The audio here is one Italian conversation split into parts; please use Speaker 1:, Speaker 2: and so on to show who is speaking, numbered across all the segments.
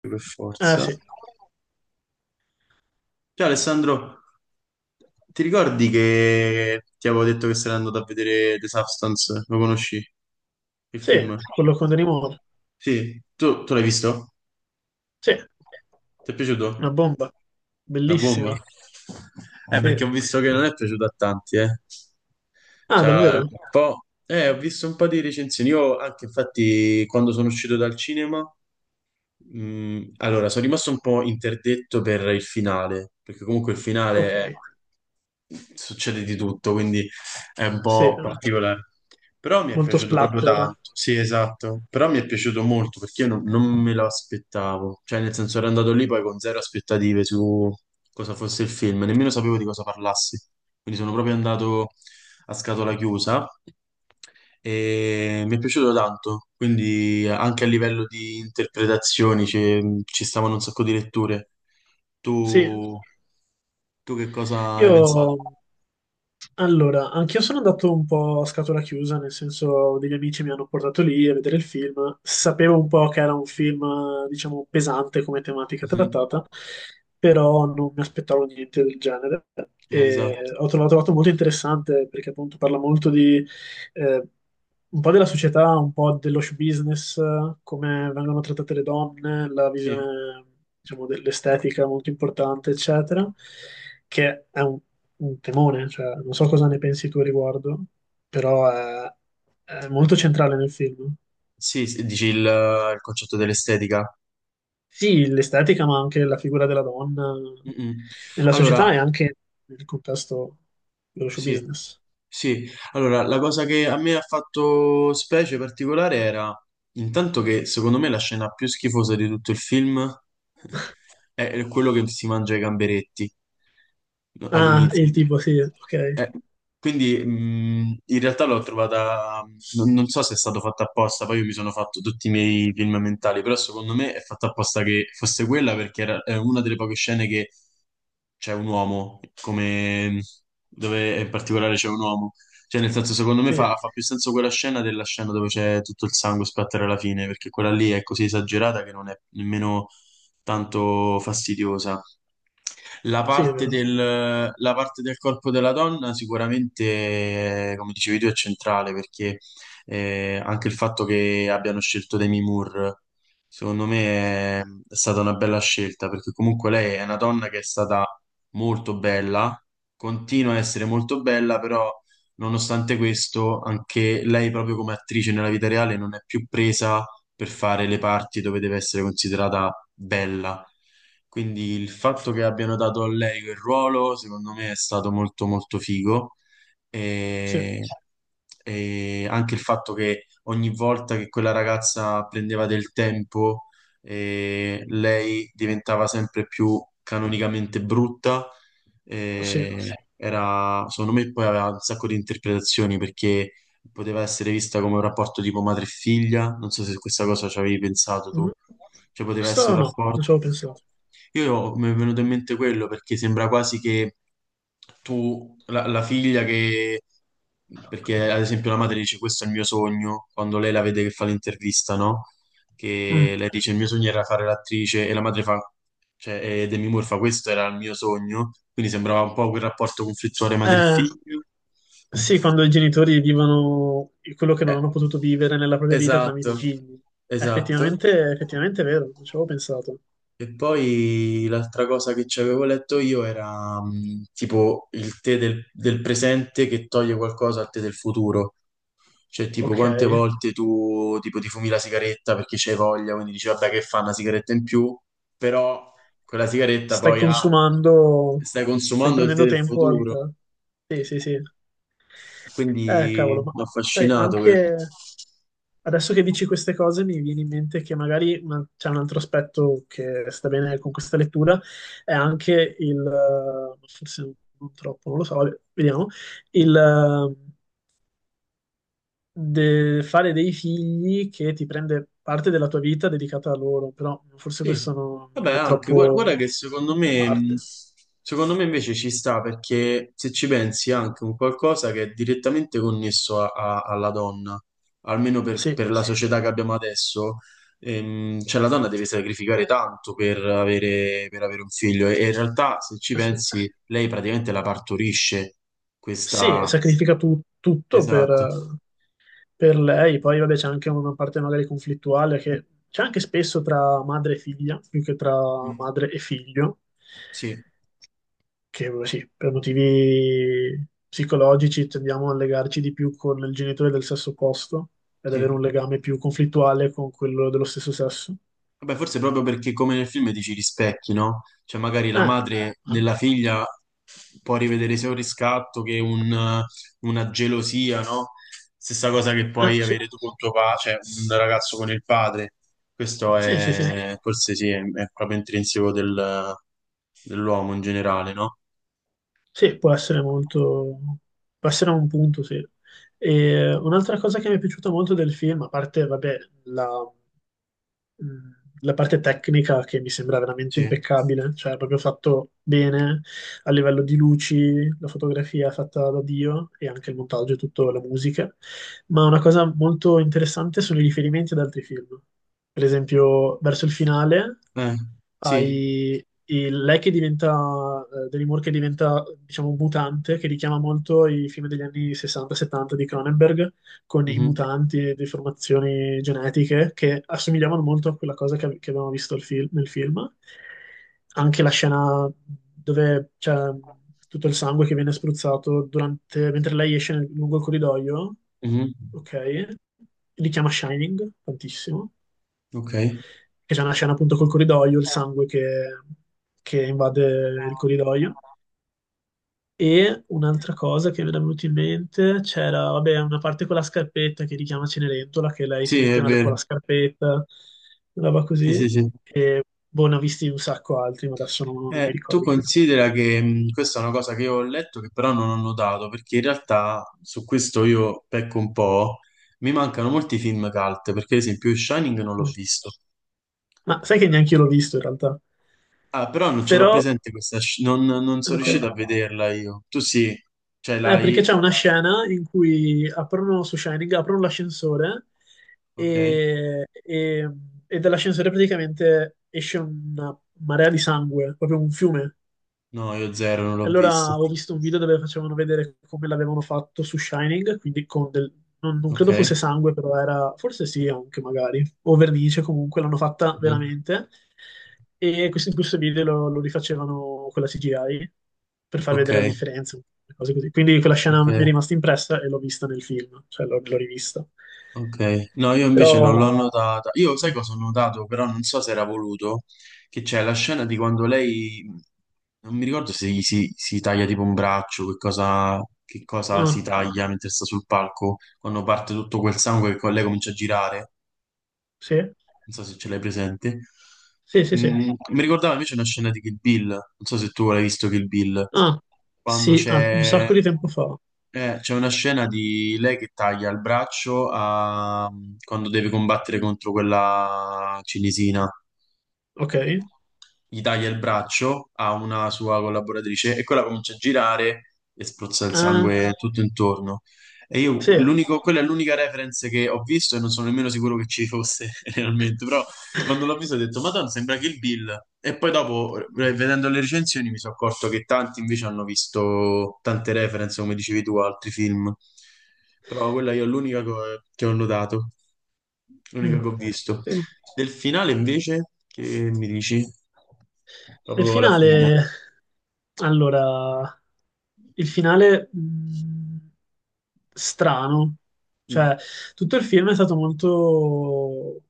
Speaker 1: Per
Speaker 2: Ah,
Speaker 1: forza.
Speaker 2: sì,
Speaker 1: Ciao Alessandro, ti ricordi che ti avevo detto che sarei andato a vedere The Substance? Lo conosci? Il
Speaker 2: sì,
Speaker 1: film?
Speaker 2: quello con Demi Moore.
Speaker 1: Sì, tu l'hai visto?
Speaker 2: Sì,
Speaker 1: Ti è
Speaker 2: una
Speaker 1: piaciuto?
Speaker 2: bomba.
Speaker 1: La bomba?
Speaker 2: Bellissimo.
Speaker 1: Perché
Speaker 2: Sì.
Speaker 1: ho visto che non è piaciuto a tanti, eh.
Speaker 2: Ah,
Speaker 1: Cioè, un
Speaker 2: davvero?
Speaker 1: po'... Ho visto un po' di recensioni. Io anche, infatti, quando sono uscito dal cinema. Mm, allora, sono rimasto un po' interdetto per il finale, perché comunque il finale è-
Speaker 2: Ok.
Speaker 1: succede di tutto, quindi è un
Speaker 2: Sì,
Speaker 1: po' particolare. Però mi è
Speaker 2: molto
Speaker 1: piaciuto proprio tanto.
Speaker 2: splatter.
Speaker 1: Sì, esatto. Però mi è piaciuto molto perché io non me lo aspettavo. Cioè, nel senso, ero andato lì poi con zero aspettative su cosa fosse il film, nemmeno sapevo di cosa parlassi. Quindi sono proprio andato a scatola chiusa e mi è piaciuto tanto, quindi anche a livello di interpretazioni ci stavano un sacco di letture.
Speaker 2: Sì,
Speaker 1: Tu, tu che cosa hai pensato?
Speaker 2: io... Allora, anch'io sono andato un po' a scatola chiusa, nel senso degli amici mi hanno portato lì a vedere il film. Sapevo un po' che era un film, diciamo, pesante come tematica
Speaker 1: Mhm.
Speaker 2: trattata, però non mi aspettavo niente del genere. E
Speaker 1: Esatto.
Speaker 2: l'ho trovato molto interessante perché appunto parla molto di eh, un po' della società, un po' dello show business, come vengono trattate le donne, la
Speaker 1: Sì,
Speaker 2: visione, diciamo, dell'estetica molto importante, eccetera, che è un temone, cioè, non so cosa ne pensi tu a riguardo, però è, è molto centrale nel film.
Speaker 1: sì, sì, dici il concetto dell'estetica.
Speaker 2: Sì, l'estetica, ma anche la figura della donna
Speaker 1: Mm, mm.
Speaker 2: nella
Speaker 1: Allora,
Speaker 2: società e anche nel contesto dello show
Speaker 1: sì.
Speaker 2: business.
Speaker 1: Sì, allora, la cosa che a me ha fatto specie particolare era intanto che secondo me la scena più schifosa di tutto il film è quello che si mangia i gamberetti no,
Speaker 2: Ah,
Speaker 1: all'inizio.
Speaker 2: il tipo, sì, ok,
Speaker 1: Eh, quindi in realtà l'ho trovata, non so se è stato fatto apposta, poi io mi sono fatto tutti i miei film mentali, però secondo me è fatta apposta che fosse quella perché era, è una delle poche scene che c'è un uomo, come dove in particolare c'è un uomo. Cioè, nel senso, secondo me
Speaker 2: sì,
Speaker 1: fa più senso quella scena della scena dove c'è tutto il sangue a splattare alla fine, perché quella lì è così esagerata che non è nemmeno tanto fastidiosa.
Speaker 2: sì, è vero,
Speaker 1: La parte del corpo della donna sicuramente, come dicevi tu, è centrale perché anche il fatto che abbiano scelto Demi Moore, secondo me, è stata una bella scelta perché comunque lei è una donna che è stata molto bella, continua a essere molto bella, però nonostante questo, anche lei proprio come attrice nella vita reale non è più presa per fare le parti dove deve essere considerata bella. Quindi il fatto che abbiano dato a lei quel ruolo, secondo me, è stato molto molto figo.
Speaker 2: sì,
Speaker 1: E, e anche il fatto che ogni volta che quella ragazza prendeva del tempo, lei diventava sempre più canonicamente brutta.
Speaker 2: sì.
Speaker 1: Eh, era, secondo me, poi aveva un sacco di interpretazioni perché poteva essere vista come un rapporto tipo madre e figlia, non so se questa cosa ci avevi pensato
Speaker 2: Mm.
Speaker 1: tu, cioè poteva
Speaker 2: Questo
Speaker 1: essere un
Speaker 2: no, non
Speaker 1: rapporto...
Speaker 2: ci avevo pensato.
Speaker 1: Io mi è venuto in mente quello perché sembra quasi che tu, la, la figlia che... Perché ad esempio la madre dice questo è il mio sogno, quando lei la vede che fa l'intervista, no?
Speaker 2: Mm.
Speaker 1: Che lei dice il mio sogno era fare l'attrice e la madre fa, cioè e Demi Moore fa questo era il mio sogno, quindi sembrava un po' quel rapporto conflittuale
Speaker 2: Eh,
Speaker 1: madre-figlio.
Speaker 2: sì, quando i genitori vivono quello che non
Speaker 1: Eh,
Speaker 2: hanno potuto vivere nella propria vita tramite i
Speaker 1: esatto,
Speaker 2: figli. È
Speaker 1: esatto.
Speaker 2: effettivamente, è vero, non ci avevo pensato.
Speaker 1: E poi l'altra cosa che ci avevo letto io era tipo il tè del presente che toglie qualcosa al tè del futuro. Cioè, tipo,
Speaker 2: Ok,
Speaker 1: quante volte tu tipo, ti fumi la sigaretta perché c'hai voglia, quindi dici, vabbè, che fa una sigaretta in più, però quella sigaretta
Speaker 2: stai
Speaker 1: poi ah,
Speaker 2: consumando,
Speaker 1: stai
Speaker 2: stai
Speaker 1: consumando il tè
Speaker 2: prendendo
Speaker 1: del
Speaker 2: tempo al...
Speaker 1: futuro.
Speaker 2: Sì, sì, sì.
Speaker 1: Quindi
Speaker 2: Cavolo, ma
Speaker 1: mi ha
Speaker 2: sai,
Speaker 1: affascinato. Que-
Speaker 2: anche... Adesso che dici queste cose mi viene in mente che magari c'è un altro aspetto che sta bene con questa lettura, è anche forse non troppo, non lo so, vabbè, vediamo, il fare dei figli che ti prende parte della tua vita dedicata a loro, però forse
Speaker 1: Sì,
Speaker 2: questo
Speaker 1: vabbè,
Speaker 2: non è
Speaker 1: anche gua- guarda,
Speaker 2: troppo
Speaker 1: che
Speaker 2: parte.
Speaker 1: secondo me invece ci sta perché se ci pensi è anche un qualcosa che è direttamente connesso a- a- alla donna, almeno
Speaker 2: Sì,
Speaker 1: per la società che abbiamo adesso, cioè la donna deve sacrificare tanto per avere un figlio e in realtà se ci
Speaker 2: sì,
Speaker 1: pensi lei praticamente la partorisce,
Speaker 2: sì,
Speaker 1: questa...
Speaker 2: sacrifica tutto
Speaker 1: Esatto,
Speaker 2: per lei, poi vabbè c'è anche una parte magari conflittuale che c'è anche spesso tra madre e figlia, più che tra
Speaker 1: mm,
Speaker 2: madre e figlio,
Speaker 1: sì,
Speaker 2: che sì, per motivi psicologici tendiamo a legarci di più con il genitore del sesso opposto ad avere
Speaker 1: sì.
Speaker 2: un legame più conflittuale con quello dello stesso sesso.
Speaker 1: Vabbè, forse proprio perché come nel film dici rispecchi, no? Cioè magari la
Speaker 2: Ah,
Speaker 1: madre nella
Speaker 2: anche.
Speaker 1: figlia può rivedere sia un riscatto che un- una gelosia, no? Stessa cosa che
Speaker 2: Ah,
Speaker 1: puoi
Speaker 2: sì,
Speaker 1: avere tu con tuo padre, cioè un ragazzo con il padre. Questo
Speaker 2: sì, sì, sì.
Speaker 1: è, forse sì, è proprio intrinseco del- dell'uomo in generale, no?
Speaker 2: Sì, può essere molto, può essere un punto, sì. E un'altra cosa che mi è piaciuta molto del film, a parte, vabbè, la, mh, la parte tecnica che mi sembra veramente
Speaker 1: Sì.
Speaker 2: impeccabile, cioè proprio fatto bene a livello di luci, la fotografia è fatta da Dio e anche il montaggio e tutta la musica, ma una cosa molto interessante sono i riferimenti ad altri film. Per esempio, verso il finale
Speaker 1: Eh, sì.
Speaker 2: hai lei che diventa, Demi Moore che diventa, diciamo, un mutante, che richiama molto i film degli anni 60-70 di Cronenberg, con i
Speaker 1: Mhm.
Speaker 2: mutanti e deformazioni genetiche che assomigliavano molto a quella cosa che abbiamo visto il nel film. Anche la scena dove c'è tutto il sangue che viene spruzzato durante- mentre lei esce lungo il corridoio,
Speaker 1: Mhm.
Speaker 2: ok? Richiama Shining tantissimo
Speaker 1: Ok.
Speaker 2: che c'è una scena appunto col corridoio, il sangue che invade il corridoio. E un'altra cosa che mi era venuta in mente c'era, vabbè, una parte con la scarpetta che richiama Cenerentola, che lei si
Speaker 1: Sì, è
Speaker 2: metteva con
Speaker 1: vero.
Speaker 2: la scarpetta, una roba
Speaker 1: Sì,
Speaker 2: così.
Speaker 1: sì, sì.
Speaker 2: E boh, ne ho visti un sacco altri, ma adesso non mi
Speaker 1: Tu
Speaker 2: ricordo più.
Speaker 1: considera che questa è una cosa che io ho letto che però non ho notato, perché in realtà su questo io pecco un po', mi mancano molti film cult, perché ad esempio Shining non l'ho visto.
Speaker 2: Ma sai che neanche io l'ho visto in realtà.
Speaker 1: Ah, però non ce l'ho
Speaker 2: Però,
Speaker 1: presente questa, sci- non sono
Speaker 2: ok.
Speaker 1: riuscito a vederla io. Tu sì, cioè l'hai...
Speaker 2: Perché c'è una scena in cui aprono su Shining, aprono l'ascensore
Speaker 1: Ok?
Speaker 2: e, e- e dall'ascensore praticamente esce una marea di sangue, proprio un fiume.
Speaker 1: No, io zero, non l'ho
Speaker 2: E
Speaker 1: visto.
Speaker 2: allora ho visto un video dove facevano vedere come l'avevano fatto su Shining, quindi con del... Non, non credo fosse
Speaker 1: Ok?
Speaker 2: sangue, però era... Forse sì, anche magari. O vernice, comunque l'hanno fatta
Speaker 1: Mhm.
Speaker 2: veramente. E questo, in questo video lo rifacevano con la CGI per far
Speaker 1: Ok,
Speaker 2: vedere le differenze, le cose così. Quindi quella scena
Speaker 1: ok.
Speaker 2: mi è rimasta impressa e l'ho vista nel film, cioè l'ho rivista.
Speaker 1: Ok, no, io
Speaker 2: Però...
Speaker 1: invece non l'ho notata. Io sai cosa ho notato, però non so se era voluto, che c'è la scena di quando lei, non mi ricordo se gli si, si taglia tipo un braccio, che cosa si
Speaker 2: Ah,
Speaker 1: taglia mentre sta sul palco, quando parte tutto quel sangue che con lei comincia a girare,
Speaker 2: sì?
Speaker 1: non so se ce l'hai presente.
Speaker 2: Sì, sì, sì.
Speaker 1: Mm, mi ricordava invece una scena di Kill Bill, non so se tu l'hai visto Kill Bill
Speaker 2: Ah,
Speaker 1: quando
Speaker 2: sì, ah, un
Speaker 1: c'è
Speaker 2: sacco di tempo fa.
Speaker 1: c'è una scena di lei che taglia il braccio a- quando deve combattere contro quella cinesina
Speaker 2: Ok.
Speaker 1: gli taglia il braccio a una sua collaboratrice e quella comincia a girare e spruzza il
Speaker 2: Ah.
Speaker 1: sangue tutto intorno. E io,
Speaker 2: Sì.
Speaker 1: l'unico, quella è l'unica reference che ho visto e non sono nemmeno sicuro che ci fosse realmente, però quando l'ho visto ho detto, Madonna, sembra Kill Bill. E poi dopo, vedendo le recensioni, mi sono accorto che tanti invece hanno visto tante reference, come dicevi tu, a altri film. Però quella io è l'unica co- che ho notato, l'unica
Speaker 2: Mm.
Speaker 1: che ho visto.
Speaker 2: Sì.
Speaker 1: Del finale invece, che mi dici?
Speaker 2: Il
Speaker 1: Proprio la fine.
Speaker 2: finale, allora, il finale strano, cioè tutto il film è stato molto,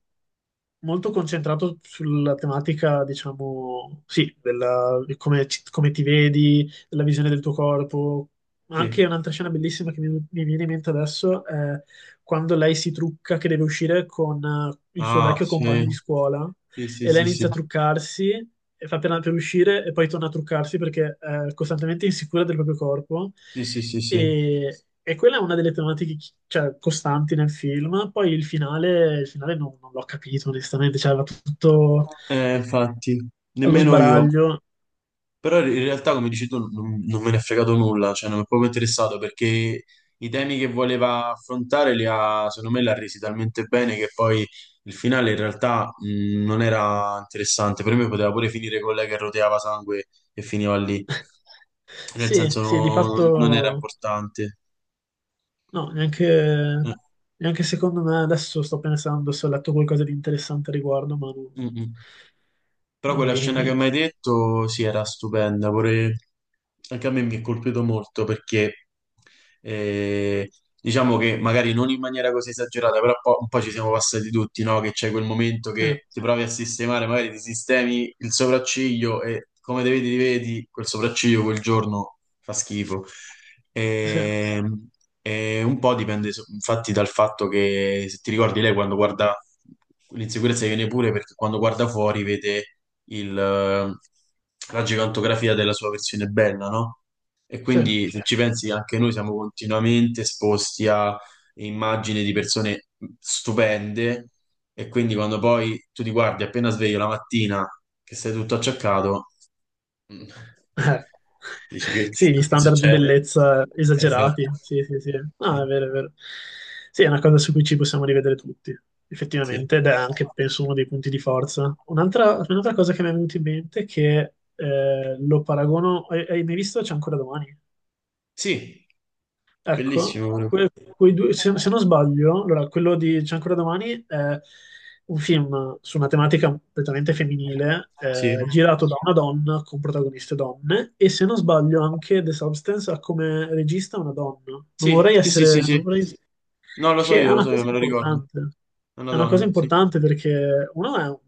Speaker 2: molto concentrato sulla tematica, diciamo, sì, di come, come ti vedi, della visione del tuo corpo.
Speaker 1: Sì.
Speaker 2: Anche un'altra scena bellissima mi viene in mente adesso è quando lei si trucca che deve uscire con il suo
Speaker 1: Ah,
Speaker 2: vecchio
Speaker 1: sì,
Speaker 2: compagno di scuola
Speaker 1: sì, sì,
Speaker 2: e lei
Speaker 1: sì, sì,
Speaker 2: inizia a truccarsi e fa per uscire e poi torna a truccarsi perché è costantemente insicura del proprio corpo
Speaker 1: sì, sì, sì, sì.
Speaker 2: e quella è una delle tematiche cioè, costanti nel film. Poi il finale non l'ho capito onestamente, cioè va tutto
Speaker 1: Infatti,
Speaker 2: allo
Speaker 1: nemmeno io.
Speaker 2: sbaraglio.
Speaker 1: Però in realtà, come dici tu, non me ne è fregato nulla, cioè non mi è proprio interessato perché i temi che voleva affrontare li ha, secondo me, l'ha resi talmente bene che poi il finale in realtà non era interessante. Per me poteva pure finire con lei che roteava sangue e finiva lì, nel
Speaker 2: Sì,
Speaker 1: senso
Speaker 2: sì, di
Speaker 1: no- non era
Speaker 2: fatto
Speaker 1: importante.
Speaker 2: no, neanche,
Speaker 1: Eh,
Speaker 2: neanche secondo me adesso sto pensando se ho letto qualcosa di interessante a riguardo, ma
Speaker 1: mm,
Speaker 2: non,
Speaker 1: mm. Però
Speaker 2: non mi
Speaker 1: quella
Speaker 2: viene in
Speaker 1: scena che mi
Speaker 2: mente.
Speaker 1: hai detto, sì, era stupenda, pure anche a me mi è colpito molto perché eh, diciamo che magari non in maniera così esagerata, però po- un po' ci siamo passati tutti, no? Che c'è quel momento
Speaker 2: Eh,
Speaker 1: che ti provi a sistemare, magari ti sistemi il sopracciglio e come te vedi, ti vedi, quel sopracciglio quel giorno fa schifo.
Speaker 2: sì,
Speaker 1: Ehm, e un po' dipende so- infatti dal fatto che, se ti ricordi, lei quando guarda, l'insicurezza viene pure perché quando guarda fuori vede il, la gigantografia della sua versione bella, no? E
Speaker 2: sì.
Speaker 1: quindi se ci pensi anche noi siamo continuamente esposti a immagini di persone stupende e quindi quando poi tu ti guardi appena sveglio la mattina che sei tutto acciaccato, mm,
Speaker 2: Eh,
Speaker 1: dici
Speaker 2: sì, gli
Speaker 1: che
Speaker 2: standard di
Speaker 1: succede?
Speaker 2: bellezza
Speaker 1: Esatto.
Speaker 2: esagerati. Sì, sì, sì. No, è vero, è vero. Sì, è una cosa su cui ci possiamo rivedere tutti,
Speaker 1: Sì,
Speaker 2: effettivamente, ed è anche, penso, uno dei punti di forza. Un'altra cosa che mi è venuta in mente è che lo paragono... Hai mai visto C'è ancora domani?
Speaker 1: sì,
Speaker 2: Ecco,
Speaker 1: bellissimo pure.
Speaker 2: que- quei due, se non sbaglio, allora, quello di C'è ancora domani è un film su una tematica completamente femminile,
Speaker 1: Sì,
Speaker 2: girato da una donna con protagoniste donne, e se non sbaglio anche The Substance ha come regista una donna.
Speaker 1: sì, sì, sì, sì,
Speaker 2: Non
Speaker 1: sì.
Speaker 2: vorrei
Speaker 1: No,
Speaker 2: che è
Speaker 1: lo
Speaker 2: una
Speaker 1: so io,
Speaker 2: cosa
Speaker 1: me lo ricordo.
Speaker 2: importante.
Speaker 1: È una
Speaker 2: È una cosa
Speaker 1: donna, sì.
Speaker 2: importante perché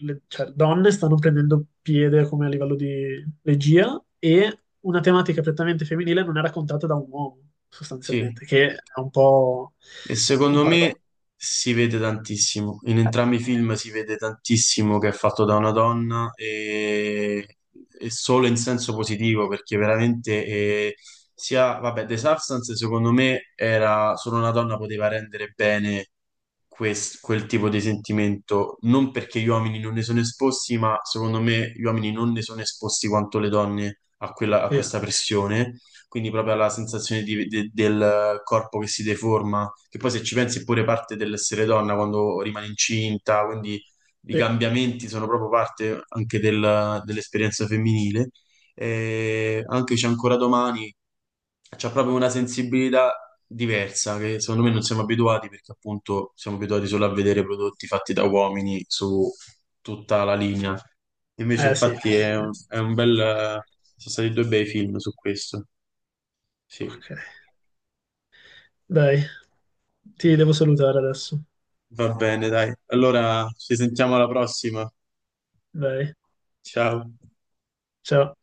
Speaker 2: le, cioè, donne stanno prendendo piede come a livello di regia e una tematica prettamente femminile non è raccontata da un uomo,
Speaker 1: Sì.
Speaker 2: sostanzialmente, che è un po'
Speaker 1: E
Speaker 2: un
Speaker 1: secondo
Speaker 2: paradosso.
Speaker 1: me si vede tantissimo. In entrambi i film si vede tantissimo che è fatto da una donna e solo in senso positivo perché veramente sia, vabbè, The Substance secondo me era solo una donna poteva rendere bene quest- quel tipo di sentimento, non perché gli uomini non ne sono esposti, ma secondo me gli uomini non ne sono esposti quanto le donne a quella- a
Speaker 2: Sì,
Speaker 1: questa pressione, quindi proprio alla sensazione di- de- del corpo che si deforma che poi se ci pensi è pure parte dell'essere donna quando rimane incinta, quindi i
Speaker 2: sì.
Speaker 1: cambiamenti sono proprio parte anche del- dell'esperienza femminile. E anche c'è ancora domani, c'è proprio una sensibilità diversa che secondo me non siamo abituati perché appunto siamo abituati solo a vedere prodotti fatti da uomini su tutta la linea. Invece
Speaker 2: Eh sì,
Speaker 1: infatti
Speaker 2: sì, sì.
Speaker 1: è un bel... sono stati due bei film su questo. Sì.
Speaker 2: Ok. Dai, ti devo salutare adesso.
Speaker 1: Va bene, dai. Allora ci sentiamo alla prossima.
Speaker 2: Dai,
Speaker 1: Ciao.
Speaker 2: ciao.